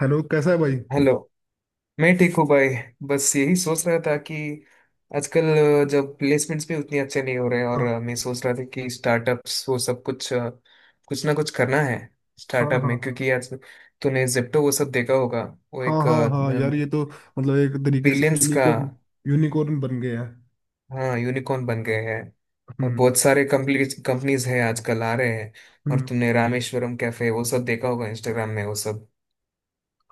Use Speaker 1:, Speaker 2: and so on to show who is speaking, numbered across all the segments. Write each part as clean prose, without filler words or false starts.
Speaker 1: Hello, कैसा है भाई।
Speaker 2: हेलो। मैं ठीक हूँ भाई। बस यही सोच रहा था कि आजकल, जब प्लेसमेंट्स भी उतनी अच्छे नहीं हो रहे हैं, और
Speaker 1: हाँ,
Speaker 2: मैं सोच रहा था कि स्टार्टअप्स वो सब कुछ, कुछ ना कुछ करना है
Speaker 1: हाँ,
Speaker 2: स्टार्टअप
Speaker 1: हाँ,
Speaker 2: में,
Speaker 1: हाँ,
Speaker 2: क्योंकि आज तूने जेप्टो वो सब देखा होगा। वो
Speaker 1: हाँ,
Speaker 2: एक
Speaker 1: हाँ, हाँ यार, ये तो मतलब एक तरीके से
Speaker 2: बिलियंस का।
Speaker 1: यूनिकॉर्न, यूनिकॉर्न बन गया है।
Speaker 2: हाँ, यूनिकॉर्न बन गए हैं। और
Speaker 1: हम्म।
Speaker 2: बहुत सारे कंपनीज हैं आजकल आ रहे हैं। और
Speaker 1: हम्म।
Speaker 2: तुमने रामेश्वरम कैफे वो सब देखा होगा इंस्टाग्राम में वो सब।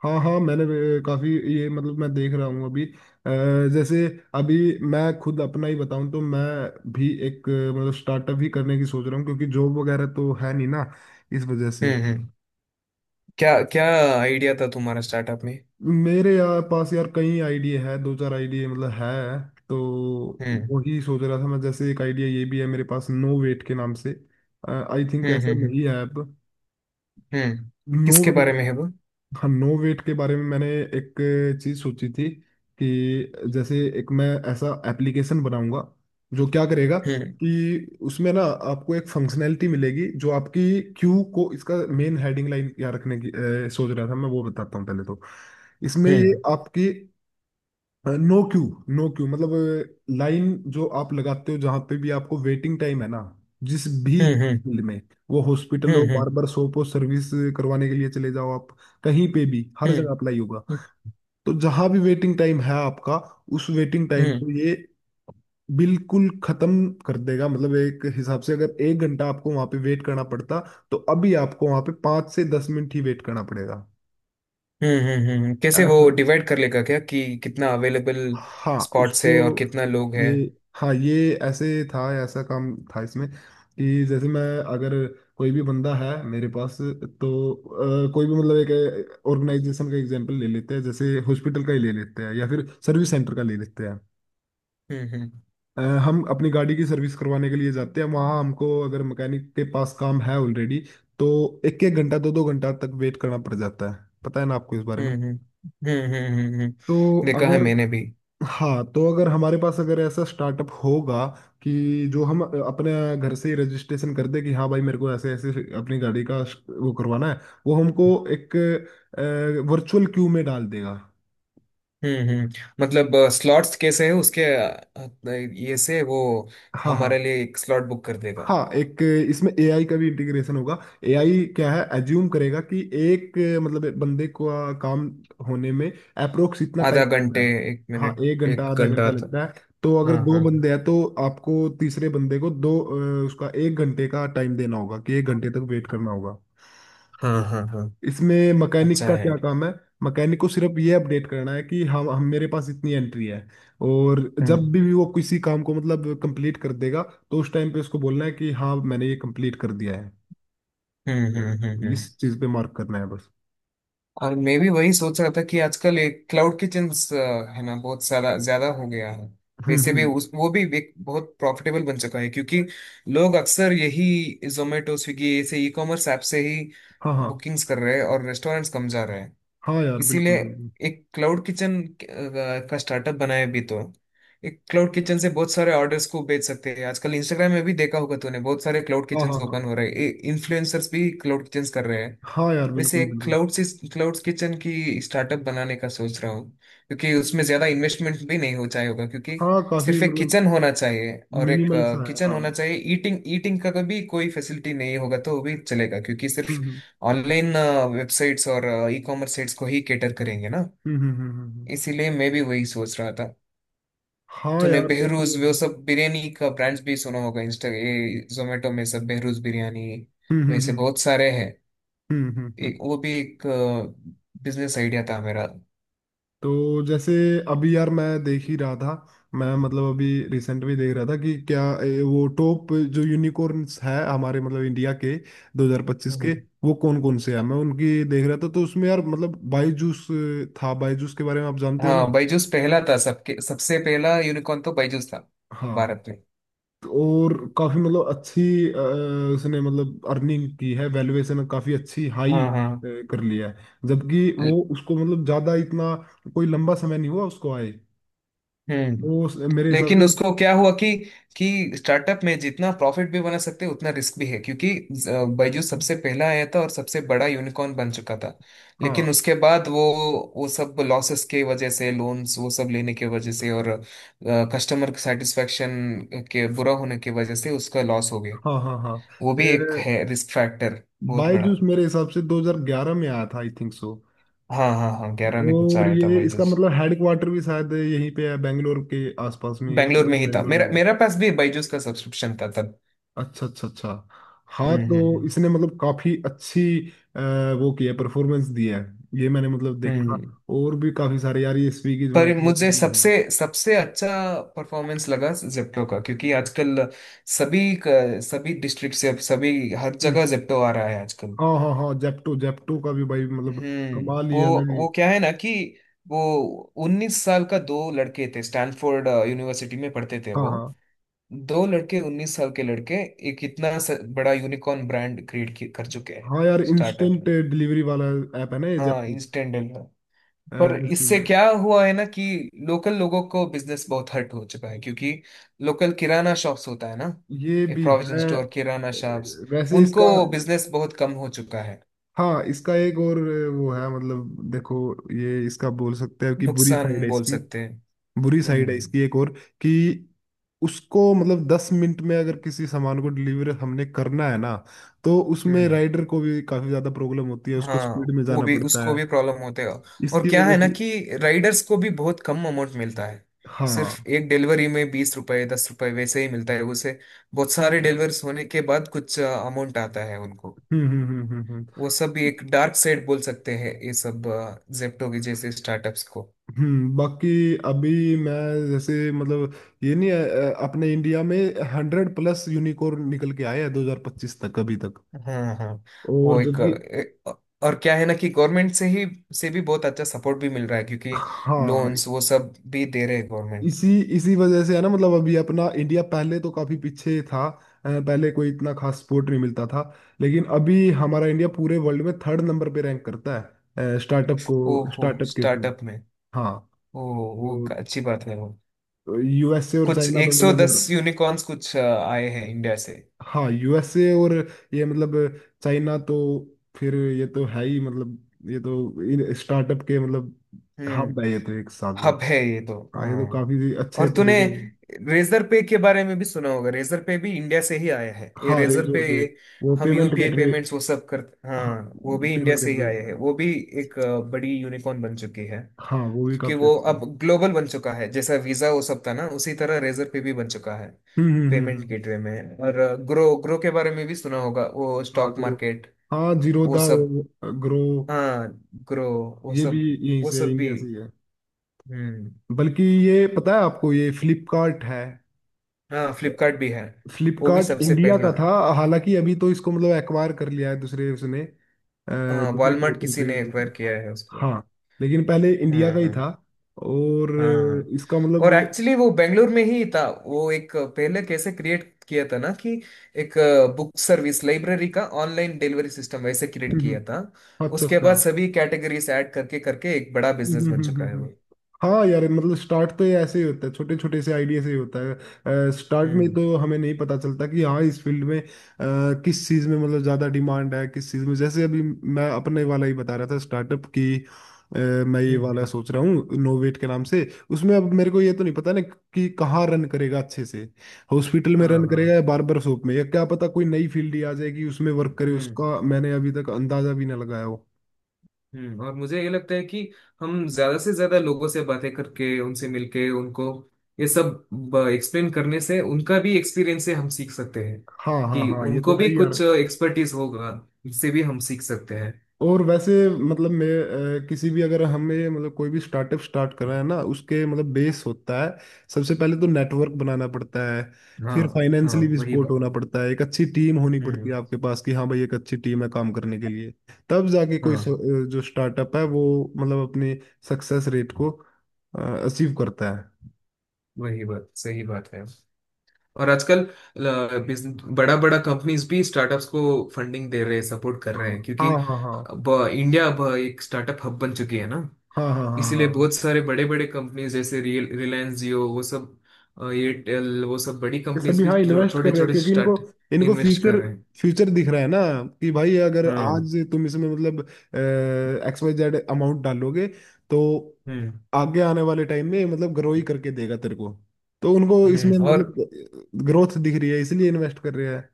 Speaker 1: हाँ हाँ, मैंने भी, काफी ये मतलब मैं देख रहा हूँ अभी। अ, जैसे, अभी मैं खुद अपना ही बताऊँ तो मैं भी एक, मतलब स्टार्टअप ही करने की सोच रहा हूँ क्योंकि जॉब वगैरह तो है नहीं ना। इस वजह से
Speaker 2: हम्म। क्या क्या आइडिया था तुम्हारा स्टार्टअप में?
Speaker 1: मेरे यार पास यार कई आइडिया है, दो चार आइडिया मतलब है तो।
Speaker 2: हम्म
Speaker 1: वही सोच रहा था मैं, जैसे एक आइडिया ये भी है मेरे पास, नो वेट के नाम से। आई थिंक,
Speaker 2: हम्म
Speaker 1: ऐसा
Speaker 2: हम्म हम्म
Speaker 1: नहीं है अब।
Speaker 2: हम्म।
Speaker 1: नो
Speaker 2: किसके
Speaker 1: वेट।
Speaker 2: बारे में है वो?
Speaker 1: हाँ, नो वेट के बारे में मैंने एक चीज सोची थी कि जैसे एक मैं ऐसा एप्लीकेशन बनाऊंगा, जो क्या करेगा
Speaker 2: हम्म
Speaker 1: कि उसमें ना आपको एक फंक्शनैलिटी मिलेगी जो आपकी क्यू को, इसका मेन हेडिंग लाइन क्या रखने की सोच रहा था मैं, वो बताता हूँ पहले तो। इसमें ये
Speaker 2: हम्म
Speaker 1: आपकी नो क्यू, नो क्यू मतलब लाइन जो आप लगाते हो, जहां पे भी आपको वेटिंग टाइम है ना, जिस भी
Speaker 2: हम्म हम्म
Speaker 1: फील्ड में, वो हॉस्पिटल हो,
Speaker 2: हम्म
Speaker 1: बार्बर शॉप हो, सर्विस करवाने के लिए चले जाओ आप, कहीं पे भी, हर
Speaker 2: हम्म
Speaker 1: जगह अप्लाई होगा। तो जहां भी वेटिंग टाइम है आपका, उस वेटिंग टाइम
Speaker 2: हम्म
Speaker 1: को ये बिल्कुल खत्म कर देगा। मतलब एक हिसाब से अगर एक घंटा आपको वहां पे वेट करना पड़ता, तो अभी आपको वहां पे 5 से 10 मिनट ही वेट करना पड़ेगा
Speaker 2: कैसे
Speaker 1: ऐसा।
Speaker 2: वो डिवाइड कर लेगा क्या, कि कितना अवेलेबल
Speaker 1: हाँ,
Speaker 2: स्पॉट्स है और
Speaker 1: उसको
Speaker 2: कितना लोग है?
Speaker 1: ये, हाँ ये ऐसे था, ऐसा काम था इसमें कि जैसे मैं, अगर कोई भी बंदा है मेरे पास तो कोई भी, मतलब एक ऑर्गेनाइजेशन का एग्जांपल ले लेते हैं, जैसे हॉस्पिटल का ही ले लेते हैं या फिर सर्विस सेंटर का ले लेते हैं।
Speaker 2: हम्म हम्म
Speaker 1: हम अपनी गाड़ी की सर्विस करवाने के लिए जाते हैं, वहाँ हमको अगर मैकेनिक के पास काम है ऑलरेडी, तो एक एक घंटा, दो दो घंटा तक वेट करना पड़ जाता है। पता है ना आपको इस बारे
Speaker 2: हम्म
Speaker 1: में।
Speaker 2: हम्म
Speaker 1: तो
Speaker 2: हम्म। देखा है
Speaker 1: अगर
Speaker 2: मैंने भी।
Speaker 1: हाँ, तो अगर हमारे पास अगर ऐसा स्टार्टअप होगा कि जो हम अपने घर से ही रजिस्ट्रेशन कर दे कि हाँ भाई मेरे को ऐसे ऐसे अपनी गाड़ी का वो करवाना है, वो हमको एक वर्चुअल क्यू में डाल देगा।
Speaker 2: हम्म। मतलब स्लॉट्स कैसे है उसके, ये से वो
Speaker 1: हाँ,
Speaker 2: हमारे
Speaker 1: हाँ,
Speaker 2: लिए एक स्लॉट बुक कर देगा।
Speaker 1: हाँ। एक इसमें एआई का भी इंटीग्रेशन होगा। एआई क्या है, एज्यूम करेगा कि एक मतलब एक बंदे को काम होने में अप्रोक्स इतना टाइम
Speaker 2: आधा घंटे,
Speaker 1: लगता है।
Speaker 2: एक
Speaker 1: हाँ,
Speaker 2: मिनट,
Speaker 1: एक घंटा
Speaker 2: एक
Speaker 1: आधा
Speaker 2: घंटा
Speaker 1: घंटा
Speaker 2: तक।
Speaker 1: लगता है। तो अगर
Speaker 2: हाँ
Speaker 1: दो
Speaker 2: हाँ
Speaker 1: बंदे हैं तो आपको तीसरे बंदे को दो, उसका एक घंटे का टाइम देना होगा कि एक घंटे तक वेट करना होगा।
Speaker 2: हाँ हाँ हाँ।
Speaker 1: इसमें मैकेनिक
Speaker 2: अच्छा
Speaker 1: का
Speaker 2: है।
Speaker 1: क्या काम है? मैकेनिक को सिर्फ ये अपडेट करना है कि हम मेरे पास इतनी एंट्री है, और जब भी वो किसी काम को मतलब कंप्लीट कर देगा, तो उस टाइम पे उसको बोलना है कि हाँ मैंने ये कंप्लीट कर दिया है,
Speaker 2: हम्म हम्म हम्म हम्म।
Speaker 1: इस चीज़ पे मार्क करना है बस।
Speaker 2: और मैं भी वही सोच रहा था कि आजकल एक क्लाउड किचन्स है ना, बहुत सारा ज्यादा हो गया है।
Speaker 1: हम्म।
Speaker 2: वैसे भी
Speaker 1: हम्म।
Speaker 2: उस वो भी एक बहुत प्रॉफिटेबल बन चुका है, क्योंकि लोग अक्सर यही जोमेटो स्विगी ऐसे ई कॉमर्स ऐप से ही
Speaker 1: हाँ, हाँ,
Speaker 2: बुकिंग्स कर रहे हैं और रेस्टोरेंट्स कम जा रहे हैं।
Speaker 1: हाँ यार,
Speaker 2: इसीलिए
Speaker 1: बिल्कुल बिल्कुल।
Speaker 2: एक क्लाउड किचन का स्टार्टअप बनाया भी तो एक क्लाउड किचन से बहुत सारे ऑर्डर्स को बेच सकते हैं। आजकल इंस्टाग्राम में भी देखा होगा तूने, बहुत सारे क्लाउड
Speaker 1: हाँ,
Speaker 2: किचन
Speaker 1: हाँ, हाँ,
Speaker 2: ओपन हो रहे हैं, इन्फ्लुएंसर्स भी क्लाउड किचन कर रहे हैं।
Speaker 1: हाँ यार,
Speaker 2: वैसे
Speaker 1: बिल्कुल बिल्कुल।
Speaker 2: क्लाउड्स क्लाउड्स किचन की स्टार्टअप बनाने का सोच रहा हूँ, क्योंकि उसमें ज़्यादा इन्वेस्टमेंट भी नहीं हो जाएगा। क्योंकि
Speaker 1: हाँ, काफी
Speaker 2: सिर्फ एक
Speaker 1: मतलब
Speaker 2: किचन होना चाहिए, और एक
Speaker 1: मिनिमल सा है
Speaker 2: किचन
Speaker 1: हाँ।
Speaker 2: होना
Speaker 1: हम्म,
Speaker 2: चाहिए। ईटिंग ईटिंग का कभी कोई फैसिलिटी नहीं होगा तो वो भी चलेगा, क्योंकि सिर्फ
Speaker 1: हम्म,
Speaker 2: ऑनलाइन वेबसाइट्स और ई कॉमर्स साइट्स को ही कैटर करेंगे ना।
Speaker 1: हम्म, हम्म,
Speaker 2: इसीलिए मैं भी वही सोच रहा था।
Speaker 1: हाँ
Speaker 2: तूने
Speaker 1: यार
Speaker 2: बेहरूज
Speaker 1: देखो।
Speaker 2: वो सब बिरयानी का ब्रांड्स भी सुना होगा, इंस्टा, ये जोमेटो में सब बेहरूज बिरयानी,
Speaker 1: हम्म, हम्म,
Speaker 2: वैसे
Speaker 1: हम्म,
Speaker 2: बहुत सारे हैं।
Speaker 1: हम्म, हम्म,
Speaker 2: एक वो भी एक बिजनेस आइडिया था मेरा।
Speaker 1: तो जैसे, अभी यार मैं देख ही रहा था, मैं मतलब अभी रिसेंट में देख रहा था कि क्या वो टॉप जो यूनिकॉर्न्स है हमारे मतलब इंडिया के 2025 के,
Speaker 2: हम्म।
Speaker 1: वो कौन कौन से हैं, मैं उनकी देख रहा था, तो उसमें यार मतलब बायजूस था। बायजूस के बारे में आप जानते हो ना।
Speaker 2: हाँ, बायजूस पहला था, सबके सबसे पहला यूनिकॉर्न तो बायजूस था
Speaker 1: हाँ।
Speaker 2: भारत में।
Speaker 1: तो और काफी मतलब अच्छी अ, उसने मतलब अर्निंग की है, वैल्यूएशन काफी अच्छी हाई
Speaker 2: हाँ हाँ।
Speaker 1: कर लिया है, जबकि वो
Speaker 2: ल-
Speaker 1: उसको मतलब ज्यादा इतना कोई लंबा समय नहीं हुआ उसको आए।
Speaker 2: हम्म।
Speaker 1: वो मेरे हिसाब
Speaker 2: लेकिन
Speaker 1: से।
Speaker 2: उसको क्या हुआ कि स्टार्टअप में जितना प्रॉफिट भी बना सकते हैं उतना रिस्क भी है। क्योंकि बायजूस सबसे पहला आया था और सबसे बड़ा यूनिकॉर्न बन चुका था, लेकिन
Speaker 1: हाँ,
Speaker 2: उसके बाद वो सब लॉसेस के वजह से, लोन्स वो सब लेने के वजह से, और कस्टमर सेटिस्फेक्शन के बुरा होने की वजह से उसका लॉस हो गया।
Speaker 1: हाँ, हाँ, हाँ।
Speaker 2: वो भी एक है रिस्क फैक्टर बहुत बड़ा।
Speaker 1: बायजूस मेरे हिसाब से 2011 में आया था, आई थिंक सो।
Speaker 2: हाँ हाँ हाँ, 11 में कुछ
Speaker 1: और
Speaker 2: आया था
Speaker 1: ये इसका
Speaker 2: बायजूस।
Speaker 1: मतलब हेड क्वार्टर भी शायद यहीं पे है, बेंगलोर के आसपास में ही है,
Speaker 2: बेंगलोर
Speaker 1: पता
Speaker 2: में
Speaker 1: नहीं,
Speaker 2: ही था,
Speaker 1: बेंगलोर
Speaker 2: मेरा
Speaker 1: में है।
Speaker 2: मेरा पास भी बायजूस का सब्सक्रिप्शन था तब।
Speaker 1: अच्छा, अच्छा, अच्छा। हाँ
Speaker 2: हम्म
Speaker 1: तो
Speaker 2: हम्म
Speaker 1: इसने मतलब काफी अच्छी अ, वो किया, परफॉर्मेंस दिया है ये मैंने मतलब
Speaker 2: हम्म
Speaker 1: देखा।
Speaker 2: हम्म।
Speaker 1: और भी काफी सारे यार, ये स्विगी,
Speaker 2: पर मुझे सबसे
Speaker 1: जोमेटो।
Speaker 2: सबसे अच्छा परफॉर्मेंस लगा जेप्टो का, क्योंकि आजकल सभी, सभी डिस्ट्रिक्ट से, अब सभी हर
Speaker 1: हम्म।
Speaker 2: जगह जेप्टो आ रहा है आजकल।
Speaker 1: हाँ, हाँ, हाँ, जेप्टो, जेप्टो का भी भाई मतलब
Speaker 2: हम्म।
Speaker 1: कमाल
Speaker 2: वो
Speaker 1: ही, अलग ही।
Speaker 2: वो क्या है ना कि वो 19 साल का दो लड़के थे, स्टैनफोर्ड यूनिवर्सिटी में पढ़ते थे
Speaker 1: हाँ,
Speaker 2: वो,
Speaker 1: हाँ,
Speaker 2: दो लड़के 19 साल के लड़के एक इतना बड़ा यूनिकॉर्न ब्रांड क्रिएट कर चुके हैं
Speaker 1: हाँ यार,
Speaker 2: स्टार्टअप
Speaker 1: इंस्टेंट
Speaker 2: में।
Speaker 1: डिलीवरी वाला ऐप है ना ये
Speaker 2: हाँ,
Speaker 1: जेप्टो।
Speaker 2: इंस्टेंट डील है। पर
Speaker 1: दस
Speaker 2: इससे
Speaker 1: नंबर।
Speaker 2: क्या हुआ है ना कि लोकल लोगों को बिजनेस बहुत हर्ट हो चुका है, क्योंकि लोकल किराना शॉप्स होता है ना,
Speaker 1: ये
Speaker 2: ये
Speaker 1: भी है।
Speaker 2: प्रोविजन
Speaker 1: अ,
Speaker 2: स्टोर किराना शॉप्स,
Speaker 1: वैसे इसका,
Speaker 2: उनको बिजनेस बहुत कम हो चुका है।
Speaker 1: हाँ इसका एक और वो है, मतलब देखो, ये इसका बोल सकते हैं कि बुरी साइड
Speaker 2: नुकसान
Speaker 1: है
Speaker 2: बोल
Speaker 1: इसकी,
Speaker 2: सकते हैं।
Speaker 1: बुरी साइड है
Speaker 2: हम्म
Speaker 1: इसकी एक और, कि उसको मतलब 10 मिनट में अगर किसी सामान को डिलीवर हमने करना है ना, तो उसमें
Speaker 2: हम्म।
Speaker 1: राइडर को भी काफी ज्यादा प्रॉब्लम होती है, उसको
Speaker 2: हाँ,
Speaker 1: स्पीड में
Speaker 2: वो
Speaker 1: जाना
Speaker 2: भी,
Speaker 1: पड़ता
Speaker 2: उसको
Speaker 1: है,
Speaker 2: भी प्रॉब्लम होते हैं। और
Speaker 1: इसकी
Speaker 2: क्या
Speaker 1: वजह
Speaker 2: है ना
Speaker 1: से।
Speaker 2: कि राइडर्स को भी बहुत कम अमाउंट मिलता है,
Speaker 1: हाँ।
Speaker 2: सिर्फ एक डिलीवरी में ₹20, ₹10 वैसे ही मिलता है उसे। बहुत सारे डिलीवर्स होने के बाद कुछ अमाउंट आता है उनको।
Speaker 1: हम्म, हम्म, हम्म, हम्म,
Speaker 2: वो सब एक डार्क साइड बोल सकते हैं ये सब, जेप्टो के जैसे स्टार्टअप्स को।
Speaker 1: हम्म, बाकी अभी मैं, जैसे मतलब ये नहीं है, अपने इंडिया में 100+ यूनिकॉर्न निकल के आए हैं 2025 तक अभी तक।
Speaker 2: हाँ हाँ।
Speaker 1: और
Speaker 2: वो एक,
Speaker 1: जबकि
Speaker 2: अ, और क्या है ना कि गवर्नमेंट से ही, से भी बहुत अच्छा सपोर्ट भी मिल रहा है, क्योंकि
Speaker 1: हाँ,
Speaker 2: लोन्स वो सब भी दे रहे हैं गवर्नमेंट।
Speaker 1: इसी इसी वजह से है ना, मतलब अभी अपना इंडिया पहले तो काफी पीछे था, पहले कोई इतना खास सपोर्ट नहीं मिलता था, लेकिन अभी हमारा इंडिया पूरे वर्ल्ड में थर्ड नंबर पे रैंक करता है, स्टार्टअप को,
Speaker 2: ओहो,
Speaker 1: स्टार्टअप के फील्ड।
Speaker 2: स्टार्टअप में।
Speaker 1: हाँ।
Speaker 2: ओ, वो
Speaker 1: और
Speaker 2: अच्छी बात है वो।
Speaker 1: यूएसए और
Speaker 2: कुछ
Speaker 1: चाइना तो मतलब यार।
Speaker 2: 110 यूनिकॉर्न्स कुछ आए हैं इंडिया से।
Speaker 1: हाँ, यूएसए और, ये मतलब चाइना तो फिर, ये तो है ही मतलब, ये तो इन स्टार्टअप के मतलब
Speaker 2: हम्म,
Speaker 1: हब है, ये तो एक हिसाब से।
Speaker 2: हब है ये तो,
Speaker 1: हाँ, ये तो
Speaker 2: हाँ।
Speaker 1: काफी अच्छे
Speaker 2: और तूने
Speaker 1: तरीके से-।
Speaker 2: रेजर पे के बारे में भी सुना होगा, रेजर पे भी इंडिया से ही आया है, ये
Speaker 1: हाँ, रेज
Speaker 2: रेजर
Speaker 1: और
Speaker 2: पे।
Speaker 1: पे, वो
Speaker 2: हम
Speaker 1: पेमेंट
Speaker 2: यूपीआई
Speaker 1: गेटवे।
Speaker 2: पेमेंट्स वो सब करते,
Speaker 1: हाँ,
Speaker 2: हाँ, वो भी इंडिया
Speaker 1: पेमेंट
Speaker 2: से ही आए हैं
Speaker 1: गेटवे।
Speaker 2: वो भी। एक बड़ी यूनिकॉर्न बन चुकी है।
Speaker 1: हाँ, वो भी
Speaker 2: क्योंकि
Speaker 1: काफी
Speaker 2: वो
Speaker 1: अच्छी है।
Speaker 2: अब ग्लोबल बन चुका है, जैसा वीजा वो सब था ना, उसी तरह रेजर पे भी बन चुका है
Speaker 1: हम्म, हम्म, हम्म,
Speaker 2: पेमेंट गेटवे में। और ग्रो ग्रो के बारे में भी सुना होगा वो,
Speaker 1: हाँ
Speaker 2: स्टॉक
Speaker 1: ग्रो।
Speaker 2: मार्केट
Speaker 1: हाँ
Speaker 2: वो
Speaker 1: जीरोधा,
Speaker 2: सब।
Speaker 1: ग्रो,
Speaker 2: हाँ, ग्रो वो
Speaker 1: ये भी
Speaker 2: सब,
Speaker 1: यहीं
Speaker 2: वो
Speaker 1: से,
Speaker 2: सब भी।
Speaker 1: इंडिया से ही है।
Speaker 2: हम्म।
Speaker 1: बल्कि ये पता है आपको ये फ्लिपकार्ट है,
Speaker 2: हाँ, फ्लिपकार्ट भी है, वो भी
Speaker 1: फ्लिपकार्ट
Speaker 2: सबसे
Speaker 1: इंडिया का
Speaker 2: पहला।
Speaker 1: था। हालांकि अभी तो इसको मतलब एक्वायर कर लिया है दूसरे उसने,
Speaker 2: हाँ,
Speaker 1: दूसरे
Speaker 2: वॉलमार्ट किसी
Speaker 1: कंट्री
Speaker 2: ने
Speaker 1: के।
Speaker 2: एक्वायर किया है उसको।
Speaker 1: हाँ, लेकिन पहले इंडिया
Speaker 2: हाँ
Speaker 1: का ही
Speaker 2: हाँ
Speaker 1: था, और
Speaker 2: हाँ।
Speaker 1: इसका
Speaker 2: और
Speaker 1: मतलब।
Speaker 2: एक्चुअली वो बेंगलोर में ही था। वो एक पहले कैसे क्रिएट किया था ना कि एक बुक सर्विस लाइब्रेरी का ऑनलाइन डिलीवरी सिस्टम वैसे
Speaker 1: हम्म,
Speaker 2: क्रिएट किया
Speaker 1: हम्म,
Speaker 2: था।
Speaker 1: अच्छा,
Speaker 2: उसके
Speaker 1: अच्छा।
Speaker 2: बाद सभी कैटेगरीज ऐड करके करके एक बड़ा बिजनेस बन चुका है
Speaker 1: हम्म,
Speaker 2: वो।
Speaker 1: हाँ यार, मतलब स्टार्ट तो ये ऐसे ही होता है, छोटे छोटे से आइडिया से ही होता है। स्टार्ट में
Speaker 2: हम्म
Speaker 1: तो हमें नहीं पता चलता कि हाँ इस फील्ड में किस चीज़ में मतलब ज़्यादा डिमांड है, किस चीज़ में, जैसे अभी मैं अपने वाला ही बता रहा था स्टार्टअप की। अ, मैं ये वाला
Speaker 2: हम्म।
Speaker 1: सोच रहा हूँ नोवेट के नाम से। उसमें अब मेरे को ये तो नहीं पता ना कि कहाँ रन करेगा अच्छे से, हॉस्पिटल में
Speaker 2: हाँ
Speaker 1: रन
Speaker 2: हाँ।
Speaker 1: करेगा या बार्बर शॉप में, या क्या पता कोई नई फील्ड ही आ जाएगी उसमें वर्क करे,
Speaker 2: हम्म
Speaker 1: उसका मैंने अभी तक अंदाजा भी ना लगाया हो।
Speaker 2: हम्म। और मुझे ये लगता है कि हम ज्यादा से ज्यादा लोगों से बातें करके, उनसे मिलके उनको ये सब एक्सप्लेन करने से, उनका भी एक्सपीरियंस से हम सीख सकते हैं,
Speaker 1: हाँ, हाँ,
Speaker 2: कि
Speaker 1: हाँ, ये तो
Speaker 2: उनको
Speaker 1: है
Speaker 2: भी
Speaker 1: ही यार।
Speaker 2: कुछ एक्सपर्टीज होगा, इससे भी हम सीख सकते हैं।
Speaker 1: और वैसे मतलब मैं, किसी भी अगर हमें मतलब कोई भी स्टार्टअप स्टार्ट कर रहे हैं ना, उसके मतलब बेस होता है। सबसे पहले तो नेटवर्क बनाना पड़ता है,
Speaker 2: हाँ
Speaker 1: फिर
Speaker 2: हाँ,
Speaker 1: फाइनेंशियली भी
Speaker 2: वही
Speaker 1: सपोर्ट
Speaker 2: बात।
Speaker 1: होना पड़ता है, एक अच्छी टीम होनी पड़ती है
Speaker 2: हम्म,
Speaker 1: आपके पास कि हाँ भाई, एक अच्छी टीम है काम करने के लिए, तब जाके कोई
Speaker 2: हाँ
Speaker 1: जो स्टार्टअप है वो मतलब अपनी सक्सेस रेट को अचीव करता है।
Speaker 2: वही बात, सही बात है। और आजकल बड़ा बड़ा कंपनीज भी स्टार्टअप्स को फंडिंग दे रहे हैं, सपोर्ट कर रहे हैं,
Speaker 1: हाँ,
Speaker 2: क्योंकि
Speaker 1: हाँ, हाँ,
Speaker 2: अब इंडिया अब एक स्टार्टअप हब बन चुकी है ना।
Speaker 1: हाँ, हाँ, हाँ,
Speaker 2: इसीलिए
Speaker 1: हाँ।
Speaker 2: बहुत सारे बड़े बड़े कंपनीज जैसे रियल रिलायंस जियो वो सब, एयरटेल वो सब बड़ी
Speaker 1: ये
Speaker 2: कंपनीज
Speaker 1: सभी
Speaker 2: भी
Speaker 1: हाँ इन्वेस्ट कर
Speaker 2: छोटे
Speaker 1: रहे हैं
Speaker 2: छोटे
Speaker 1: क्योंकि इनको
Speaker 2: स्टार्ट
Speaker 1: इनको
Speaker 2: इन्वेस्ट कर
Speaker 1: फ्यूचर,
Speaker 2: रहे हैं।
Speaker 1: फ्यूचर दिख रहा है ना, कि भाई अगर
Speaker 2: हाँ।
Speaker 1: आज तुम इसमें मतलब एक्स वाई जेड अमाउंट डालोगे, तो
Speaker 2: हम्म
Speaker 1: आगे आने वाले टाइम में मतलब ग्रो ही करके देगा तेरे को, तो उनको इसमें
Speaker 2: हम्म। और
Speaker 1: मतलब ग्रोथ दिख रही है, इसलिए इन्वेस्ट कर रहे हैं।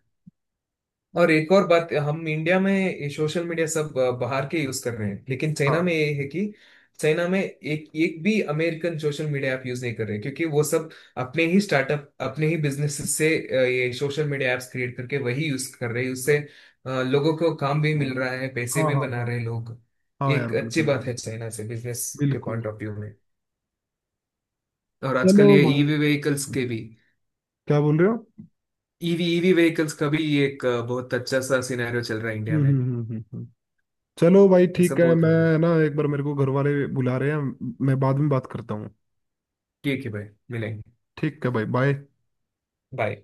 Speaker 2: और एक और बात, हम इंडिया में ये सोशल मीडिया सब, बाहर के यूज कर रहे हैं। लेकिन चाइना
Speaker 1: हाँ,
Speaker 2: में ये है कि चाइना में एक एक भी American social media app use नहीं कर रहे हैं, क्योंकि वो सब अपने ही स्टार्टअप अपने ही बिजनेस से, ये सोशल मीडिया ऐप्स क्रिएट करके वही यूज कर रहे हैं। उससे लोगों को काम भी मिल रहा है, पैसे
Speaker 1: हाँ,
Speaker 2: भी
Speaker 1: हाँ,
Speaker 2: बना
Speaker 1: हाँ,
Speaker 2: रहे हैं लोग।
Speaker 1: हाँ यार,
Speaker 2: एक अच्छी
Speaker 1: बिल्कुल
Speaker 2: बात है
Speaker 1: बिल्कुल।
Speaker 2: चाइना से बिजनेस के
Speaker 1: बिल्कुल।
Speaker 2: पॉइंट ऑफ व्यू में। और
Speaker 1: चलो
Speaker 2: आजकल ये
Speaker 1: भाई,
Speaker 2: ईवी व्हीकल्स के भी,
Speaker 1: क्या बोल रहे हो।
Speaker 2: ईवी ईवी व्हीकल्स का भी एक, बहुत अच्छा सा सिनेरियो चल रहा है इंडिया
Speaker 1: हम्म,
Speaker 2: में।
Speaker 1: हम्म, हम्म, हम्म, चलो भाई,
Speaker 2: ये सब
Speaker 1: ठीक है,
Speaker 2: बहुत
Speaker 1: मैं
Speaker 2: हो रहा है।
Speaker 1: ना एक बार, मेरे को घर वाले बुला रहे हैं, मैं बाद में बात करता हूँ।
Speaker 2: ठीक है भाई, मिलेंगे।
Speaker 1: ठीक है भाई, बाय।
Speaker 2: बाय।